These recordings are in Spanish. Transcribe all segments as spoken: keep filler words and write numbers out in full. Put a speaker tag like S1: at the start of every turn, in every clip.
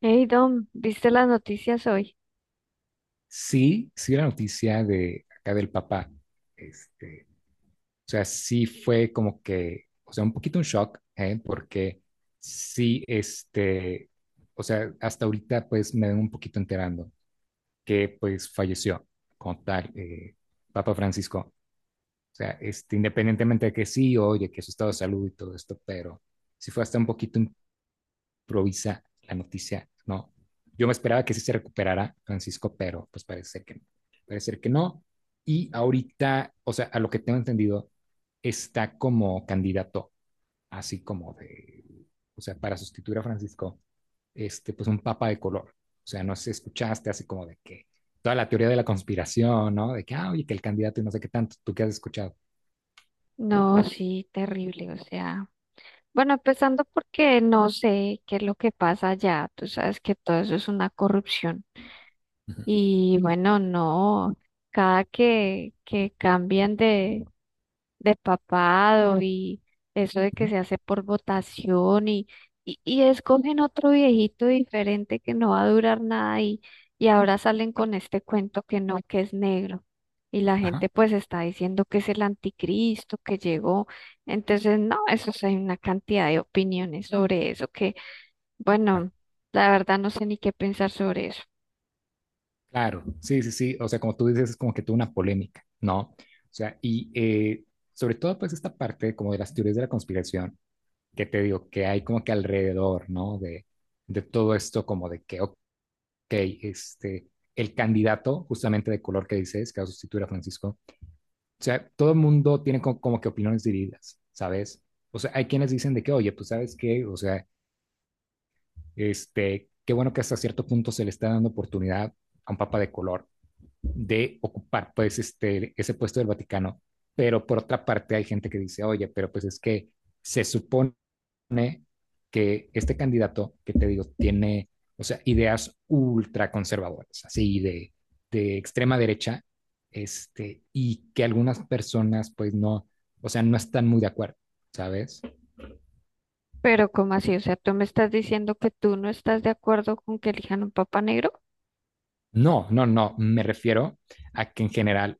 S1: Hey Dom, ¿viste las noticias hoy?
S2: Sí, sí, la noticia de acá del papá, este, o sea, sí fue como que, o sea, un poquito un shock, ¿eh? Porque sí, este, o sea, hasta ahorita pues me vengo un poquito enterando que pues falleció como tal eh, Papa Francisco, o sea, este, independientemente de que sí, oye, que su estado de salud y todo esto, pero sí fue hasta un poquito provisa la noticia, no. Yo me esperaba que sí se recuperara Francisco, pero pues parece que, no, parece que no. Y ahorita, o sea, a lo que tengo entendido, está como candidato, así como de, o sea, para sustituir a Francisco, este, pues un papa de color. O sea, no sé, si escuchaste así como de que toda la teoría de la conspiración, ¿no? De que, ah, oye, que el candidato y no sé qué tanto, tú qué has escuchado.
S1: No, sí, terrible, o sea, bueno, empezando porque no sé qué es lo que pasa allá, tú sabes que todo eso es una corrupción
S2: Uh -huh.
S1: y bueno, no, cada que, que cambian despapado y eso de
S2: Uh
S1: que
S2: -huh.
S1: se hace por votación y, y, y escogen otro viejito diferente que no va a durar nada y, y ahora salen con este cuento que no, que es negro. Y la
S2: Ajá.
S1: gente pues está diciendo que es el anticristo que llegó. Entonces, no, eso sí, hay una cantidad de opiniones sobre eso que, bueno, la verdad no sé ni qué pensar sobre eso.
S2: Claro, sí, sí, sí. O sea, como tú dices, es como que tuvo una polémica, ¿no? O sea, y eh, sobre todo, pues, esta parte como de las teorías de la conspiración, que te digo, que hay como que alrededor, ¿no? De, de todo esto, como de que, ok, este, el candidato justamente de color que dices, que va a sustituir a Francisco, o sea, todo el mundo tiene co- como, que opiniones divididas, ¿sabes? O sea, hay quienes dicen de que, oye, pues, ¿sabes qué? O sea, este, qué bueno que hasta cierto punto se le está dando oportunidad a un papa de color de ocupar pues este, ese puesto del Vaticano. Pero por otra parte hay gente que dice, oye, pero pues es que se supone que este candidato, que te digo, tiene, o sea, ideas ultra conservadoras, así de, de extrema derecha, este, y que algunas personas pues no, o sea, no están muy de acuerdo, ¿sabes?
S1: Pero, ¿cómo así? O sea, tú me estás diciendo que tú no estás de acuerdo con que elijan un papa negro.
S2: No, no, no, me refiero a que en general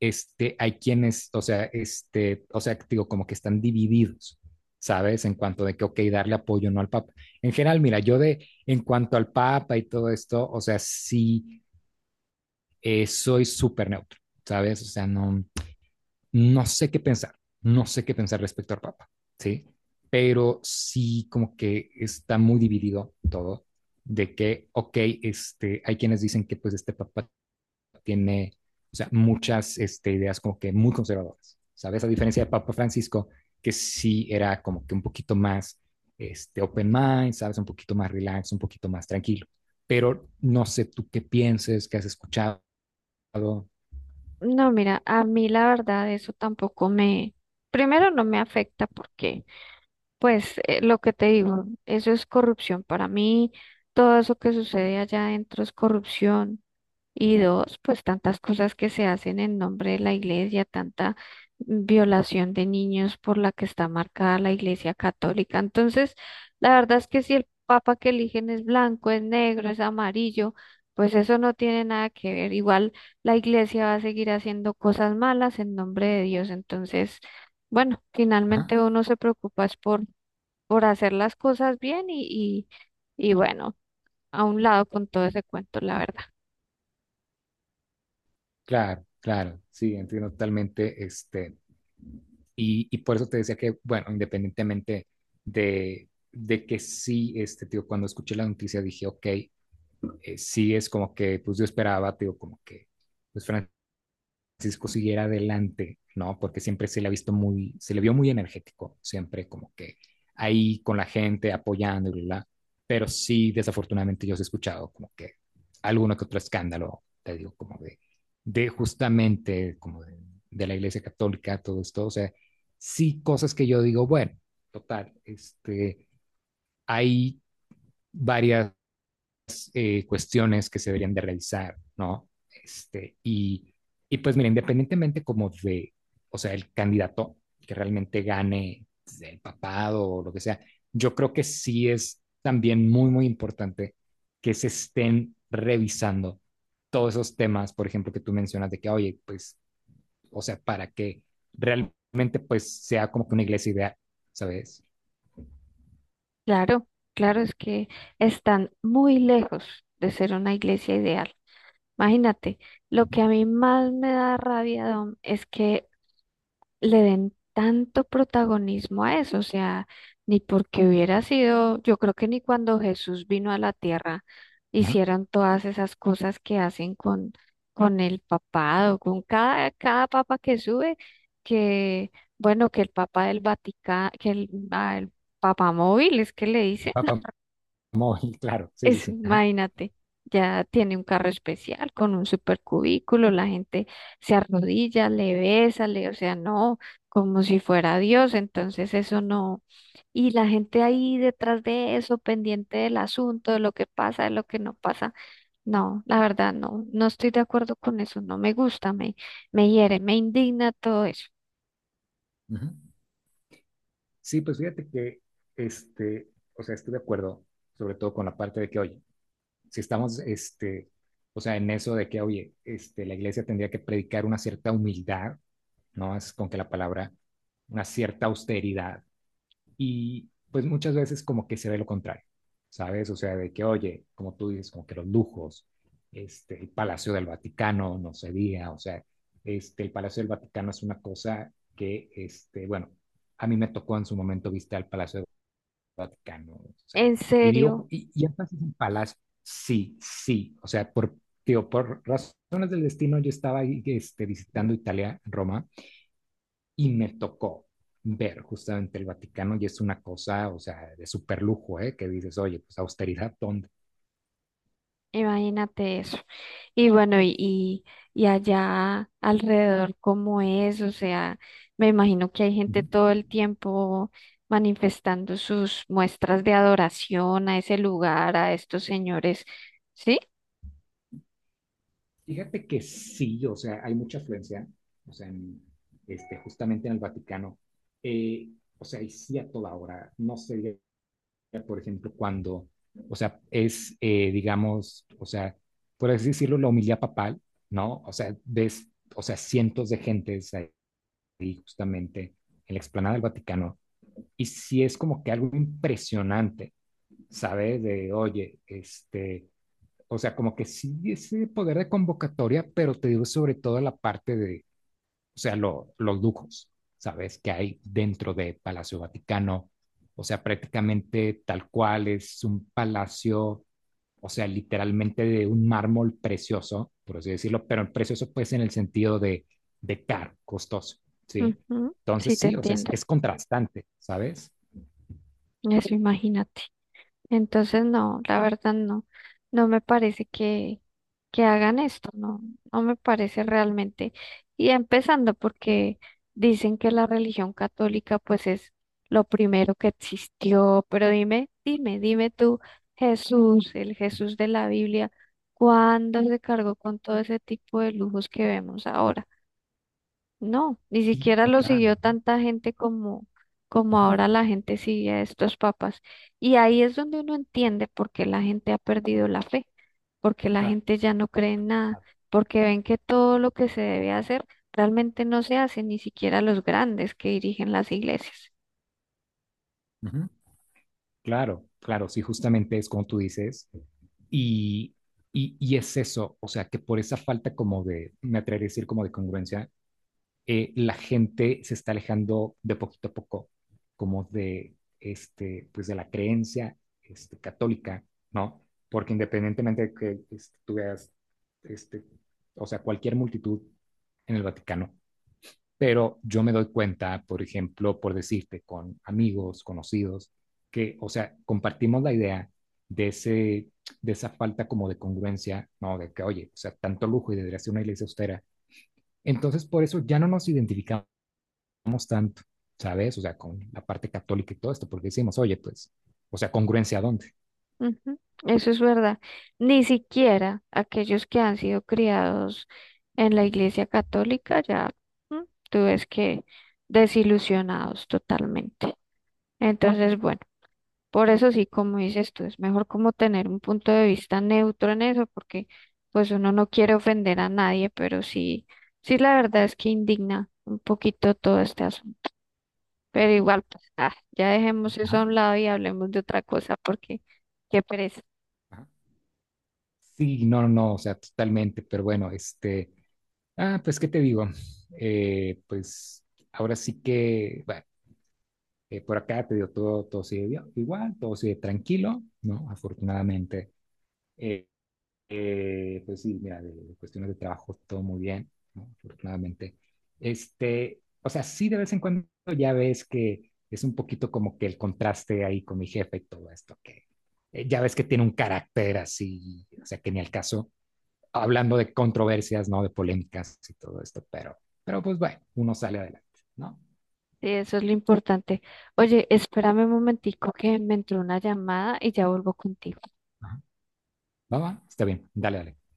S2: este, hay quienes, o sea, este, o sea, digo, como que están divididos, ¿sabes? En cuanto de que, ok, darle apoyo o no al Papa. En general, mira, yo de, en cuanto al Papa y todo esto, o sea, sí, eh, soy súper neutro, ¿sabes? O sea, no, no sé qué pensar, no sé qué pensar respecto al Papa, ¿sí? Pero sí, como que está muy dividido todo, de que, ok, este, hay quienes dicen que pues este Papa tiene o sea, muchas este, ideas como que muy conservadoras, ¿sabes? A diferencia de Papa Francisco, que sí era como que un poquito más este, open mind, ¿sabes? Un poquito más relax, un poquito más tranquilo. Pero no sé tú qué pienses, qué has escuchado.
S1: No, mira, a mí la verdad eso tampoco me, primero no me afecta porque, pues, eh, lo que te digo, eso es corrupción. Para mí, todo eso que sucede allá adentro es corrupción. Y dos, pues tantas cosas que se hacen en nombre de la iglesia, tanta violación de niños por la que está marcada la iglesia católica. Entonces, la verdad es que si el papa que eligen es blanco, es negro, es amarillo, pues eso no tiene nada que ver. Igual la iglesia va a seguir haciendo cosas malas en nombre de Dios. Entonces, bueno,
S2: Ajá,
S1: finalmente uno se preocupa es por, por hacer las cosas bien y, y, y bueno, a un lado con todo ese cuento, la verdad.
S2: claro, claro, sí, entiendo totalmente. Este, y, y por eso te decía que, bueno, independientemente de, de que sí, este, tío, cuando escuché la noticia dije, ok, eh, sí es como que, pues yo esperaba, digo, como que, pues Francisco siguiera adelante, ¿no? Porque siempre se le ha visto muy, se le vio muy energético, siempre como que ahí con la gente, apoyando y bla, bla. Pero sí, desafortunadamente yo os he escuchado como que alguno que otro escándalo, te digo, como de, de justamente, como de, de la Iglesia Católica, todo esto, o sea, sí cosas que yo digo, bueno, total, este, hay varias eh, cuestiones que se deberían de realizar, ¿no? Este, y, y pues mira, independientemente como de, o sea, el candidato que realmente gane pues, el papado o lo que sea, yo creo que sí es también muy, muy importante que se estén revisando todos esos temas, por ejemplo, que tú mencionas de que, oye, pues, o sea, para que realmente pues sea como que una iglesia ideal, ¿sabes?
S1: Claro, claro, es que están muy lejos de ser una iglesia ideal. Imagínate, lo que a mí más me da rabia, Dom, es que le den tanto protagonismo a eso, o sea, ni porque hubiera sido, yo creo que ni cuando Jesús vino a la tierra
S2: Ajá.
S1: hicieron todas esas cosas que hacen con, con el papado, con cada, cada papa que sube, que, bueno, que el papa del Vaticano, que el, ah, el papa móvil, es que le dicen
S2: Papa móvil, claro, sí, sí,
S1: es,
S2: sí. Ajá.
S1: imagínate, ya tiene un carro especial con un supercubículo, la gente se arrodilla, le besa, le, o sea, no, como si fuera Dios, entonces eso no. Y la gente ahí detrás de eso, pendiente del asunto, de lo que pasa, de lo que no pasa. No, la verdad, no, no estoy de acuerdo con eso, no me gusta, me, me hiere, me indigna todo eso.
S2: Ajá. Sí, pues fíjate que, este, o sea, estoy de acuerdo, sobre todo con la parte de que, oye, si estamos, este, o sea, en eso de que, oye, este, la iglesia tendría que predicar una cierta humildad, ¿no? Es con que la palabra, una cierta austeridad, y pues muchas veces como que se ve lo contrario, ¿sabes? O sea, de que, oye, como tú dices, como que los lujos, este, el Palacio del Vaticano, no se diga, o sea, este, el Palacio del Vaticano es una cosa que, este, bueno, a mí me tocó en su momento visitar el Palacio del Vaticano, o sea,
S1: ¿En
S2: y
S1: serio?
S2: digo, y, y entonces el Palacio, sí, sí, o sea, por, digo, por razones del destino yo estaba ahí, este, visitando Italia, Roma, y me tocó ver justamente el Vaticano y es una cosa, o sea, de super lujo, ¿eh? Que dices, oye, pues austeridad, ¿dónde?
S1: Imagínate eso. Y bueno, y, y, y allá alrededor, ¿cómo es? O sea, me imagino que hay
S2: Uh
S1: gente
S2: -huh.
S1: todo el tiempo manifestando sus muestras de adoración a ese lugar, a estos señores. ¿Sí?
S2: Fíjate que sí, o sea, hay mucha afluencia, o sea, en, este, justamente en el Vaticano, eh, o sea, y sí a toda hora, no sé, por ejemplo, cuando, o sea, es, eh, digamos, o sea, por así decirlo, la homilía papal, ¿no? O sea, ves, o sea, cientos de gentes ahí justamente en la explanada del Vaticano, y sí es como que algo impresionante, ¿sabes? De, oye, este, o sea, como que sí ese poder de convocatoria, pero te digo sobre todo la parte de, o sea, lo, los lujos, ¿sabes? Que hay dentro de Palacio Vaticano, o sea, prácticamente tal cual es un palacio, o sea, literalmente de un mármol precioso, por así decirlo, pero precioso pues en el sentido de, de caro, costoso, ¿sí?
S1: Ujú, sí,
S2: Entonces
S1: te
S2: sí, o sea, es,
S1: entiendo.
S2: es contrastante, ¿sabes?
S1: Eso, imagínate. Entonces, no, la verdad no, no me parece que, que hagan esto, no, no me parece realmente. Y empezando porque dicen que la religión católica pues es lo primero que existió, pero dime, dime, dime tú, Jesús, el Jesús de la Biblia, ¿cuándo se cargó con todo ese tipo de lujos que vemos ahora? No, ni
S2: Sí,
S1: siquiera
S2: no,
S1: lo
S2: claro.
S1: siguió tanta gente como, como
S2: Ujú,
S1: ahora la gente sigue a estos papas. Y ahí es donde uno entiende por qué la gente ha perdido la fe, porque la
S2: claro.
S1: gente ya no cree en nada, porque ven que todo lo que se debe hacer realmente no se hace, ni siquiera los grandes que dirigen las iglesias.
S2: Ujú. Claro, claro, sí, justamente es como tú dices, y, y, y es eso, o sea, que por esa falta como de, me atrevería a decir como de congruencia, eh, la gente se está alejando de poquito a poco, como de, este, pues de la creencia, este, católica, ¿no? Porque independientemente de que este, tú veas, este, o sea, cualquier multitud en el Vaticano, pero yo me doy cuenta, por ejemplo, por decirte, con amigos, conocidos, que, o sea, compartimos la idea de, ese, de esa falta como de congruencia, ¿no? De que, oye, o sea, tanto lujo y debería ser una iglesia austera. Entonces, por eso ya no nos identificamos tanto, ¿sabes? O sea, con la parte católica y todo esto, porque decimos, oye, pues, o sea, congruencia a dónde.
S1: Ujú, eso es verdad. Ni siquiera aquellos que han sido criados en la iglesia católica ya, mm, tú ves que desilusionados totalmente. Entonces, bueno, por eso sí, como dices tú, es mejor como tener un punto de vista neutro en eso, porque pues uno no quiere ofender a nadie, pero sí, sí la verdad es que indigna un poquito todo este asunto. Pero igual, pues, ah, ya dejemos eso a
S2: Ajá,
S1: un lado y hablemos de otra cosa, porque qué pereza.
S2: ajá. Sí, no, no, no, o sea, totalmente, pero bueno, este, ah, pues, ¿qué te digo? Eh, pues, ahora sí que, bueno. Eh, por acá te digo, todo, todo sigue igual, todo sigue tranquilo, ¿no? Afortunadamente. Eh, eh, pues sí, mira, de, de cuestiones de trabajo, todo muy bien, ¿no? Afortunadamente. Este, o sea, sí de vez en cuando ya ves que es un poquito como que el contraste ahí con mi jefe y todo esto, que eh, ya ves que tiene un carácter así, o sea, que ni al caso, hablando de controversias, ¿no? De polémicas y todo esto, pero, pero pues bueno, uno sale adelante, ¿no?
S1: Sí, eso es lo importante. Oye, espérame un momentico que me entró una llamada y ya vuelvo contigo.
S2: Ajá. Va, va, está bien, dale, dale.